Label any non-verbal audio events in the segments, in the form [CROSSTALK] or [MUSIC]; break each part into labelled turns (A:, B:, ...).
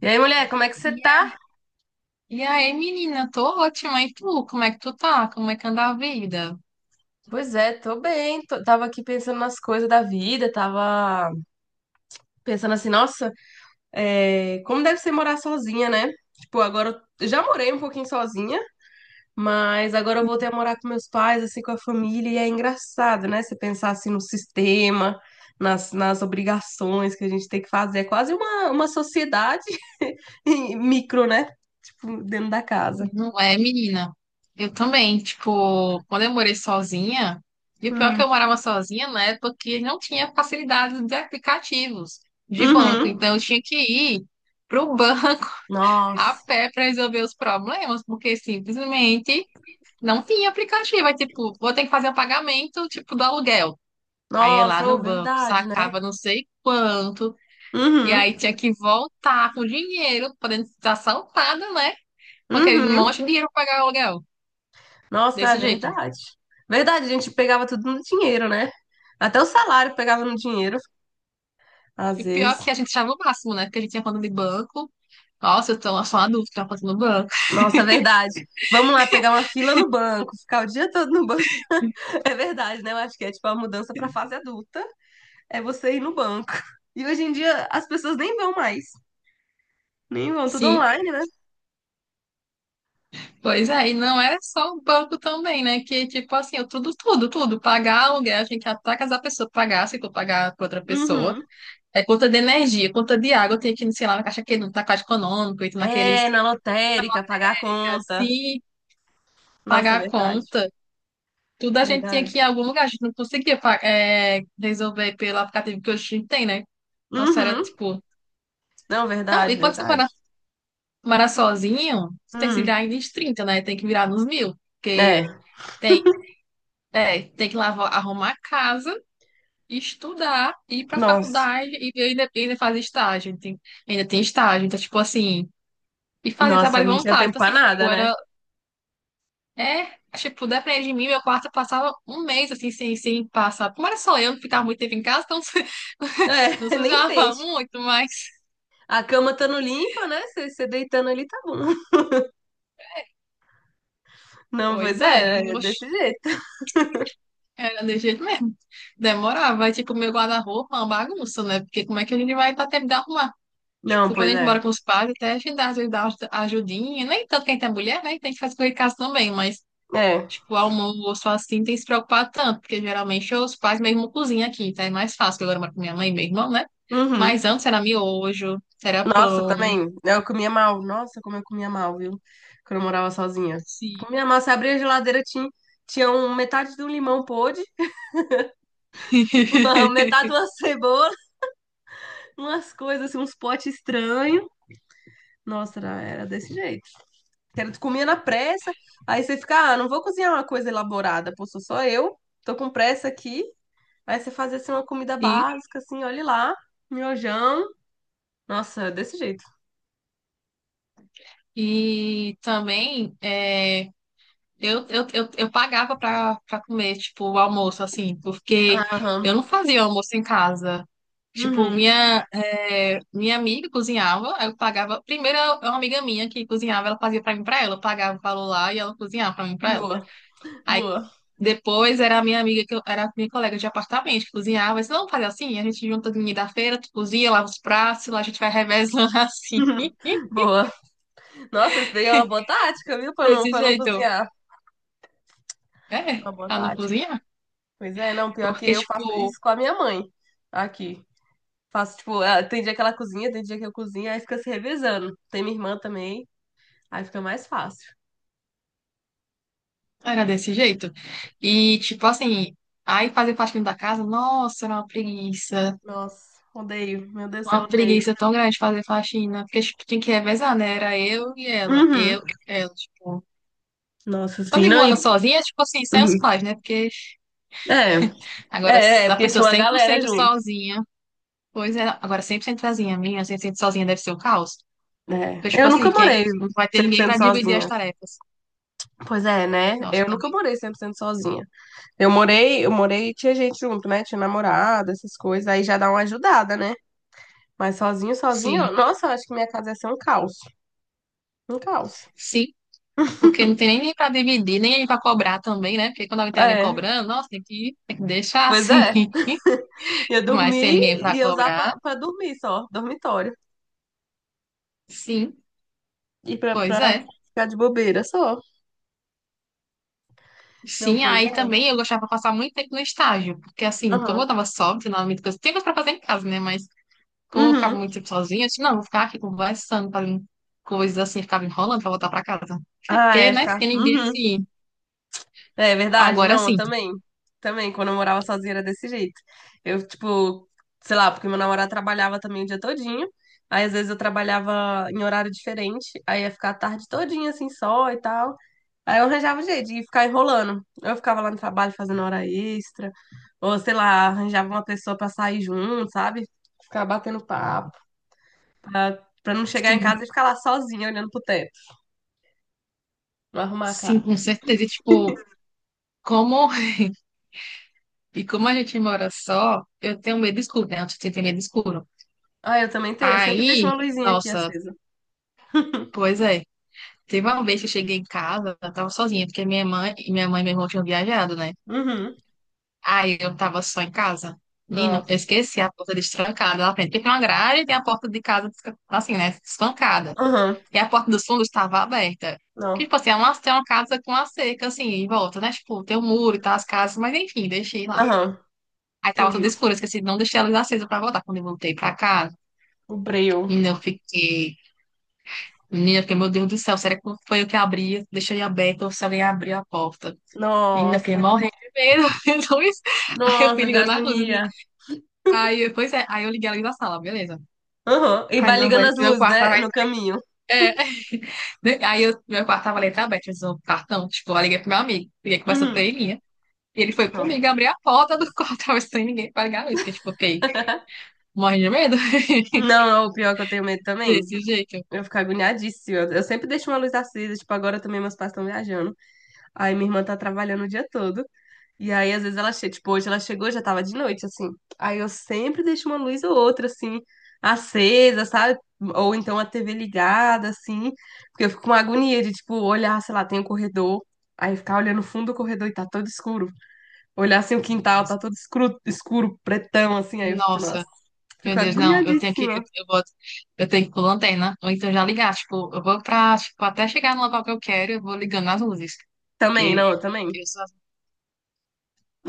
A: E aí, mulher, como é que você
B: E a-
A: tá?
B: e aí, menina, tô ótima. E tu, como é que tu tá? Como é que anda a vida?
A: Pois é, tô bem. Tava aqui pensando nas coisas da vida, tava pensando assim, nossa, é, como deve ser morar sozinha, né? Tipo, agora eu já morei um pouquinho sozinha, mas agora eu voltei a morar com meus pais, assim, com a família, e é engraçado, né? Você pensar assim no sistema, nas obrigações que a gente tem que fazer. É quase uma sociedade [LAUGHS] em micro, né? Tipo, dentro da casa.
B: Não é, menina? Eu também, tipo, quando eu morei sozinha, e o pior é que
A: Hum.
B: eu morava sozinha na época que não tinha facilidade de aplicativos de banco. Então,
A: Uhum.
B: eu tinha que ir pro banco [LAUGHS]
A: Nossa,
B: a pé para resolver os problemas, porque simplesmente não tinha aplicativo. Aí, tipo, vou ter que fazer o pagamento, tipo, do aluguel. Aí, eu ia lá
A: nossa, é
B: no banco,
A: verdade, né?
B: sacava não sei quanto. E
A: Uhum,
B: aí tinha que voltar com dinheiro, podendo estar assaltada, né? Com aquele monte
A: uhum.
B: de dinheiro pra pagar o aluguel.
A: Nossa, é
B: Desse jeito.
A: verdade. Verdade, a gente pegava tudo no dinheiro, né? Até o salário pegava no dinheiro,
B: E
A: às vezes.
B: pior que a gente achava o máximo, né? Porque a gente tinha conta de banco. Nossa, eu tô só uma dúvida, tinha conta no banco.
A: Nossa, é verdade. Vamos lá pegar uma fila no banco, ficar o dia todo no banco. [LAUGHS] É verdade, né? Eu acho que é tipo a mudança pra fase adulta, é você ir no banco. E hoje em dia as pessoas nem vão mais, nem
B: [LAUGHS]
A: vão, tudo
B: Sim.
A: online, né?
B: Pois é, e não era só o banco também, né? Que, tipo assim, eu tudo. Pagar aluguel, tinha que ir até casar a pessoa pagar, se for pagar pra outra pessoa.
A: Uhum.
B: É conta de energia, conta de água, eu tinha que ir, sei lá, na caixa que não tá caixa econômico, e naqueles
A: É, na lotérica, pagar a conta.
B: assim,
A: Nossa, é
B: pagar a
A: verdade,
B: conta. Tudo a gente tinha
A: verdade.
B: que ir em algum lugar, a gente não conseguia resolver pelo aplicativo que hoje a gente tem, né? Nossa, era
A: Uhum.
B: tipo.
A: Não,
B: Não, e
A: verdade,
B: quando você
A: verdade.
B: mora sozinho, você tem que se
A: Hum.
B: virar ainda nos trinta, né? Tem que virar nos mil. Porque
A: É.
B: tem, tem que lavar, arrumar a casa, estudar, ir pra
A: Nossa,
B: faculdade e ainda fazer estágio. Tem, ainda tem estágio. Então, tipo assim, e fazer
A: nossa,
B: trabalho
A: não tinha
B: voluntário.
A: tempo
B: Então,
A: pra
B: assim,
A: nada,
B: tipo,
A: né?
B: era. É, tipo, depende de mim, meu quarto eu passava um mês assim, sem passar. Como era só eu, não ficava muito tempo em casa, então
A: É,
B: [LAUGHS] não
A: [LAUGHS] nem
B: sujava
A: sente.
B: muito, mas.
A: A cama estando limpa, né? Você deitando ali tá bom. [LAUGHS] Não, pois
B: Pois é,
A: é, é
B: oxe,
A: desse jeito.
B: era de jeito mesmo. Demorava, aí, tipo, meu guarda-roupa é uma bagunça, né? Porque como é que a gente vai dar tempo de arrumar?
A: Não,
B: Tipo, quando a
A: pois
B: gente
A: é.
B: mora com os pais, até a gente dá, às vezes dá uma ajudinha, nem tanto quem tem mulher, né? Tem que fazer coisa em casa também, mas.
A: É.
B: Tipo, almoço assim, tem que se preocupar tanto, porque geralmente os pais mesmo cozinham aqui, tá, é mais fácil, que agora eu moro com minha mãe e meu irmão, né?
A: Uhum.
B: Mas antes era miojo, era
A: Nossa,
B: pão,
A: também. Eu comia mal. Nossa, como eu comia mal, viu? Quando eu morava sozinha.
B: sim.
A: Comia mal, você abria a geladeira, tinha um, metade de um limão podre, [LAUGHS]
B: [LAUGHS]
A: metade de uma cebola, umas coisas, assim, uns potes estranhos. Nossa, era desse jeito. Comer na pressa, aí você fica, ah, não vou cozinhar uma coisa elaborada, pô, sou só eu, tô com pressa aqui. Aí você faz assim uma comida
B: E,
A: básica, assim, olha lá, miojão. Nossa, desse jeito.
B: e também é, eu pagava pra comer, tipo, o almoço, assim, porque
A: Aham.
B: eu não fazia almoço em casa. Tipo,
A: Uhum.
B: minha, é, minha amiga cozinhava, aí eu pagava. Primeiro, uma amiga minha que cozinhava, ela fazia pra mim, e pra ela. Eu pagava o valor lá e ela cozinhava pra mim, e pra ela.
A: Boa,
B: Aí
A: boa,
B: depois era a minha amiga, que eu, era a minha colega de apartamento, que cozinhava. Eu disse, não, fazer assim, a gente junta ninguém da feira, tu cozinha, lava os pratos, lá a gente vai revezando [LAUGHS] assim.
A: boa. Nossa, isso daí é uma boa tática, viu?
B: Desse
A: Pra não
B: jeito.
A: cozinhar.
B: É,
A: Uma boa
B: pra não
A: tática.
B: cozinhar.
A: Pois é, não, pior que
B: Porque,
A: eu faço
B: tipo,
A: isso com a minha mãe aqui. Faço, tipo, ah, tem dia que ela cozinha, tem dia que eu cozinho, aí fica se revezando. Tem minha irmã também, aí fica mais fácil.
B: era desse jeito. E, tipo assim, aí fazer faxina da casa, nossa, era uma preguiça.
A: Nossa, odeio. Meu Deus do céu,
B: Uma
A: odeio.
B: preguiça tão grande fazer faxina. Porque, tipo, tinha que revezar, né? Era eu e ela.
A: Uhum.
B: Eu, ela, tipo.
A: Nossa,
B: Quando
A: sim,
B: eu
A: não.
B: moro sozinha, tipo assim, sem os
A: Uhum.
B: pais, né? Porque.
A: É,
B: Agora,
A: é, é,
B: se a
A: porque
B: pessoa
A: tinha uma
B: cem por
A: galera
B: cento
A: junto.
B: sozinha, pois é, agora 100% sozinha, minha, 100% sozinha deve ser o caos. Porque,
A: É.
B: tipo
A: Eu
B: assim,
A: nunca
B: quem
A: morei
B: não vai ter
A: cem por
B: ninguém
A: cento
B: para dividir as
A: sozinha.
B: tarefas.
A: Pois é, né?
B: Nossa,
A: Eu nunca
B: também.
A: morei 100% sozinha. Eu morei e tinha gente junto, né? Tinha namorada, essas coisas. Aí já dá uma ajudada, né? Mas sozinho, sozinho,
B: Sim,
A: nossa, eu acho que minha casa ia ser um caos. Um caos.
B: sim, porque não tem nem ninguém para dividir, nem ninguém para cobrar também, né? Porque quando alguém tem alguém
A: É,
B: cobrando, nossa, tem que deixar
A: pois é.
B: assim.
A: Ia
B: [LAUGHS] Mas sem
A: dormir
B: ninguém para
A: e ia usar
B: cobrar,
A: pra dormir só, dormitório.
B: sim,
A: E pra,
B: pois
A: pra
B: é.
A: ficar de bobeira só. Não,
B: Sim,
A: pois
B: aí
A: é.
B: também eu gostava de passar muito tempo no estágio, porque assim, como
A: Aham.
B: eu tava só, não tinha coisas para fazer em casa, né? Mas como eu ficava
A: Uhum.
B: muito tempo sozinha, eu disse, não, vou ficar aqui conversando, fazendo coisas assim, ficava enrolando pra voltar pra casa. Até
A: Ah,
B: porque,
A: é,
B: né?
A: tá.
B: Porque ninguém,
A: Uhum.
B: assim,
A: É verdade,
B: agora
A: não, eu
B: sim,
A: também. Também, quando eu morava sozinha era desse jeito. Eu, tipo, sei lá, porque meu namorado trabalhava também o dia todinho. Aí, às vezes, eu trabalhava em horário diferente. Aí, ia ficar a tarde todinha, assim, só e tal. Aí, eu arranjava um jeito de ficar enrolando. Eu ficava lá no trabalho fazendo hora extra. Ou, sei lá, arranjava uma pessoa pra sair junto, sabe? Ficar batendo papo. Pra não chegar em casa
B: sim,
A: e ficar lá sozinha, olhando pro teto. Não arrumar a
B: sim,
A: casa.
B: com certeza. E, tipo, como, [LAUGHS] e como a gente mora só, eu tenho medo escuro, né? Eu tenho medo escuro.
A: Ah, eu também tenho. Eu sempre deixo uma
B: Aí,
A: luzinha aqui
B: nossa,
A: acesa.
B: pois é. Teve uma vez que eu cheguei em casa, eu tava sozinha, porque minha mãe e meu irmão tinham viajado, né?
A: Uhum.
B: Aí eu tava só em casa. Menino, eu
A: Nossa.
B: esqueci a porta destrancada lá frente. Porque tem uma grade e tem a porta de casa, assim, né? Espancada.
A: Aham.
B: E a porta dos fundos estava aberta. Porque,
A: Não.
B: tipo assim, é uma, tem uma casa com a cerca, assim, em volta, né? Tipo, tem um muro e tal, as casas, mas enfim, deixei lá.
A: Aham.
B: Aí tava
A: Entendi.
B: tudo escuro, eu esqueci, não deixei a luz acesa pra voltar. Quando eu voltei pra casa,
A: O breu.
B: menina, eu fiquei. Menina, eu fiquei, meu Deus do céu, será que foi eu que abri? Deixei aberta ou se alguém abriu a porta? Menina, eu fiquei
A: Nossa.
B: morrendo de medo. [LAUGHS] Aí eu fui
A: Nossa, que
B: ligando a luz.
A: agonia.
B: Aí, pois é, aí eu liguei ela ali da sala, beleza.
A: Aham. E
B: Aí
A: vai
B: não
A: ligando
B: vai,
A: as
B: meu
A: luzes,
B: quarto
A: né?
B: tava.
A: No caminho.
B: Aí eu, meu quarto tava letra aberta, precisou um cartão. Tipo, eu liguei pro meu amigo, liguei que conversou com
A: Uhum.
B: ele, né? E ele foi
A: Não.
B: comigo abrir a porta do quarto, [LAUGHS] tava sem ninguém pra ligar a luz, porque, tipo, ok, morre de medo
A: Não, não, o pior é que eu tenho
B: [LAUGHS]
A: medo também.
B: desse jeito.
A: Eu fico agoniadíssima. Eu sempre deixo uma luz acesa. Tipo, agora também meus pais estão viajando. Aí minha irmã tá trabalhando o dia todo. E aí, às vezes, ela chega, tipo, hoje ela chegou, já tava de noite, assim. Aí eu sempre deixo uma luz ou outra, assim, acesa, sabe? Ou então a TV ligada, assim. Porque eu fico com uma agonia de, tipo, olhar, sei lá, tem um corredor. Aí ficar olhando o fundo do corredor e tá todo escuro. Olhar assim o quintal, tá todo escuro, escuro, pretão, assim. Aí eu fico, nossa,
B: Nossa, meu
A: fico
B: Deus, não, eu tenho que, eu,
A: agoniadíssima.
B: eu vou, eu tenho que ir com lanterna, ou então já ligar, tipo, eu vou pra, tipo, até chegar no local que eu quero, eu vou ligando as luzes,
A: Também, não,
B: porque
A: eu também.
B: eu sou,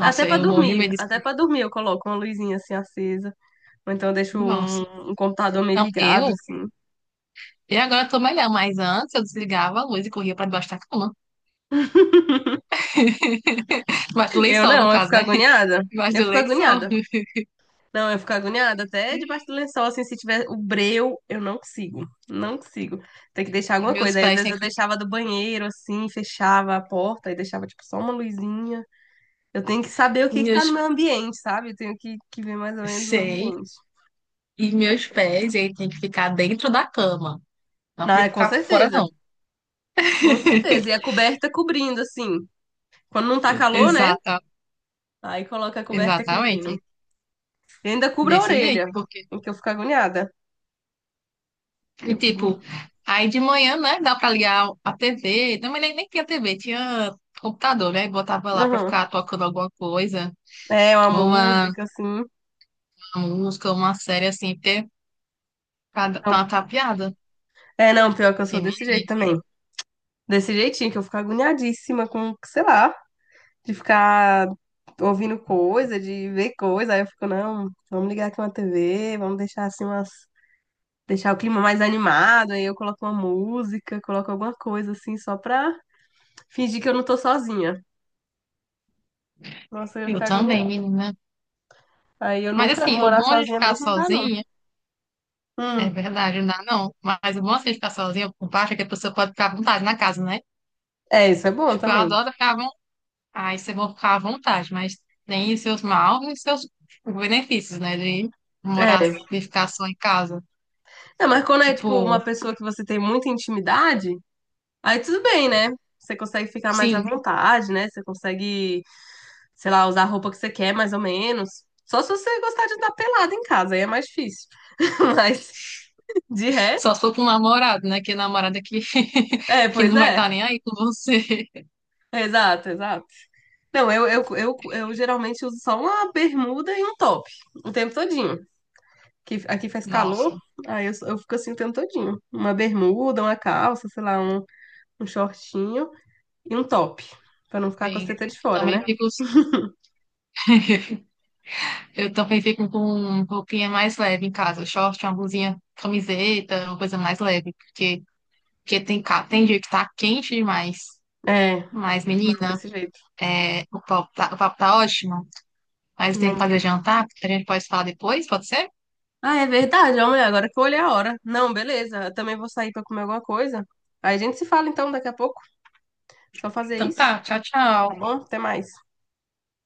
B: eu morri de medo disso.
A: Até pra dormir eu coloco uma luzinha assim acesa. Ou então eu deixo
B: Nossa,
A: um computador meio
B: não,
A: ligado,
B: eu.
A: assim.
B: E agora eu tô melhor, mas antes eu desligava a luz e corria pra debaixo da cama. [LAUGHS] Debaixo do
A: Eu
B: lençol, no
A: não, eu
B: caso,
A: fico
B: né? [LAUGHS]
A: agoniada.
B: Debaixo
A: Eu
B: do
A: fico
B: lençol.
A: agoniada. Não, eu fico agoniada até debaixo do lençol, assim, se tiver o breu, eu não consigo. Não consigo. Tem que deixar alguma
B: Meus
A: coisa. Aí, às
B: pés
A: vezes,
B: têm
A: eu
B: que.
A: deixava do banheiro, assim, fechava a porta e deixava, tipo, só uma luzinha. Eu tenho que saber o que que tá no
B: Meus.
A: meu ambiente, sabe? Eu tenho que, ver mais ou menos o
B: Sei.
A: ambiente.
B: E meus pés, ele tem que ficar dentro da cama. Não
A: Não,
B: podia
A: é com
B: ficar fora,
A: certeza.
B: não.
A: Com certeza. E a
B: [LAUGHS]
A: coberta cobrindo, assim. Quando não tá calor, né?
B: Exata,
A: Aí coloca a coberta cobrindo.
B: exatamente.
A: E ainda cubra a
B: Desse jeito,
A: orelha,
B: porque,
A: em que eu fico agoniada.
B: e,
A: Eu cubro.
B: tipo, aí de manhã, né, dá pra ligar a TV. Não, mas nem tinha TV, tinha computador, né? Botava lá pra
A: Aham.
B: ficar tocando alguma coisa,
A: É uma
B: uma,
A: música, assim.
B: uma música, uma série assim, porque. Tá
A: Não,
B: tapeada?
A: é, não, pior que eu sou
B: Que minha
A: desse jeito
B: gente.
A: também. Desse jeitinho, que eu fico agoniadíssima com, sei lá, de ficar ouvindo coisa, de ver coisa. Aí eu fico, não, vamos ligar aqui uma TV, vamos deixar assim umas. Deixar o clima mais animado, aí eu coloco uma música, coloco alguma coisa assim, só pra fingir que eu não tô sozinha. Nossa, eu ia
B: Eu
A: ficar
B: também,
A: agoniada.
B: menina.
A: Aí eu
B: Mas
A: nunca
B: assim, o
A: morar
B: bom de
A: sozinha
B: ficar
A: mesmo não dá, não.
B: sozinha, é
A: Hum,
B: verdade, não dá não. Mas o bom assim, de ficar sozinha, por baixo, é que a pessoa pode ficar à vontade na casa, né?
A: é, isso é bom
B: Tipo, eu
A: também.
B: adoro ficar à vontade. Aí você vai ficar à vontade, mas tem os seus maus e os seus benefícios, né? De morar,
A: É.
B: de ficar só em casa.
A: É, mas quando é tipo uma
B: Tipo,
A: pessoa que você tem muita intimidade, aí tudo bem, né? Você consegue ficar mais à
B: sim,
A: vontade, né? Você consegue, sei lá, usar a roupa que você quer, mais ou menos. Só se você gostar de andar pelado em casa, aí é mais difícil. [LAUGHS] Mas de resto,
B: só se for com um namorado, né? Que namorada que, [LAUGHS]
A: é,
B: que
A: pois
B: não vai
A: é.
B: estar nem aí com você.
A: Exato, exato. Não, eu geralmente uso só uma bermuda e um top o tempo todinho. Que aqui faz calor,
B: Nossa,
A: aí eu fico assim o tempo todinho. Uma bermuda, uma calça, sei lá, um shortinho e um top. Pra não ficar com a
B: bem,
A: seta de fora,
B: também
A: né?
B: fico. [LAUGHS] Eu também fico com roupinha mais leve em casa, short, uma blusinha, camiseta, uma coisa mais leve, porque, porque tem, tem dia que tá quente demais.
A: É,
B: Mas,
A: não,
B: menina,
A: desse jeito.
B: é, o papo tá ótimo, mas tem
A: Não.
B: que fazer jantar, porque a gente pode falar depois, pode ser?
A: Ah, é verdade, homem, agora que eu olhei a hora. Não, beleza, eu também vou sair pra comer alguma coisa. Aí a gente se fala então daqui a pouco. Só fazer
B: Então
A: isso,
B: tá, tchau,
A: tá
B: tchau.
A: bom? Até mais.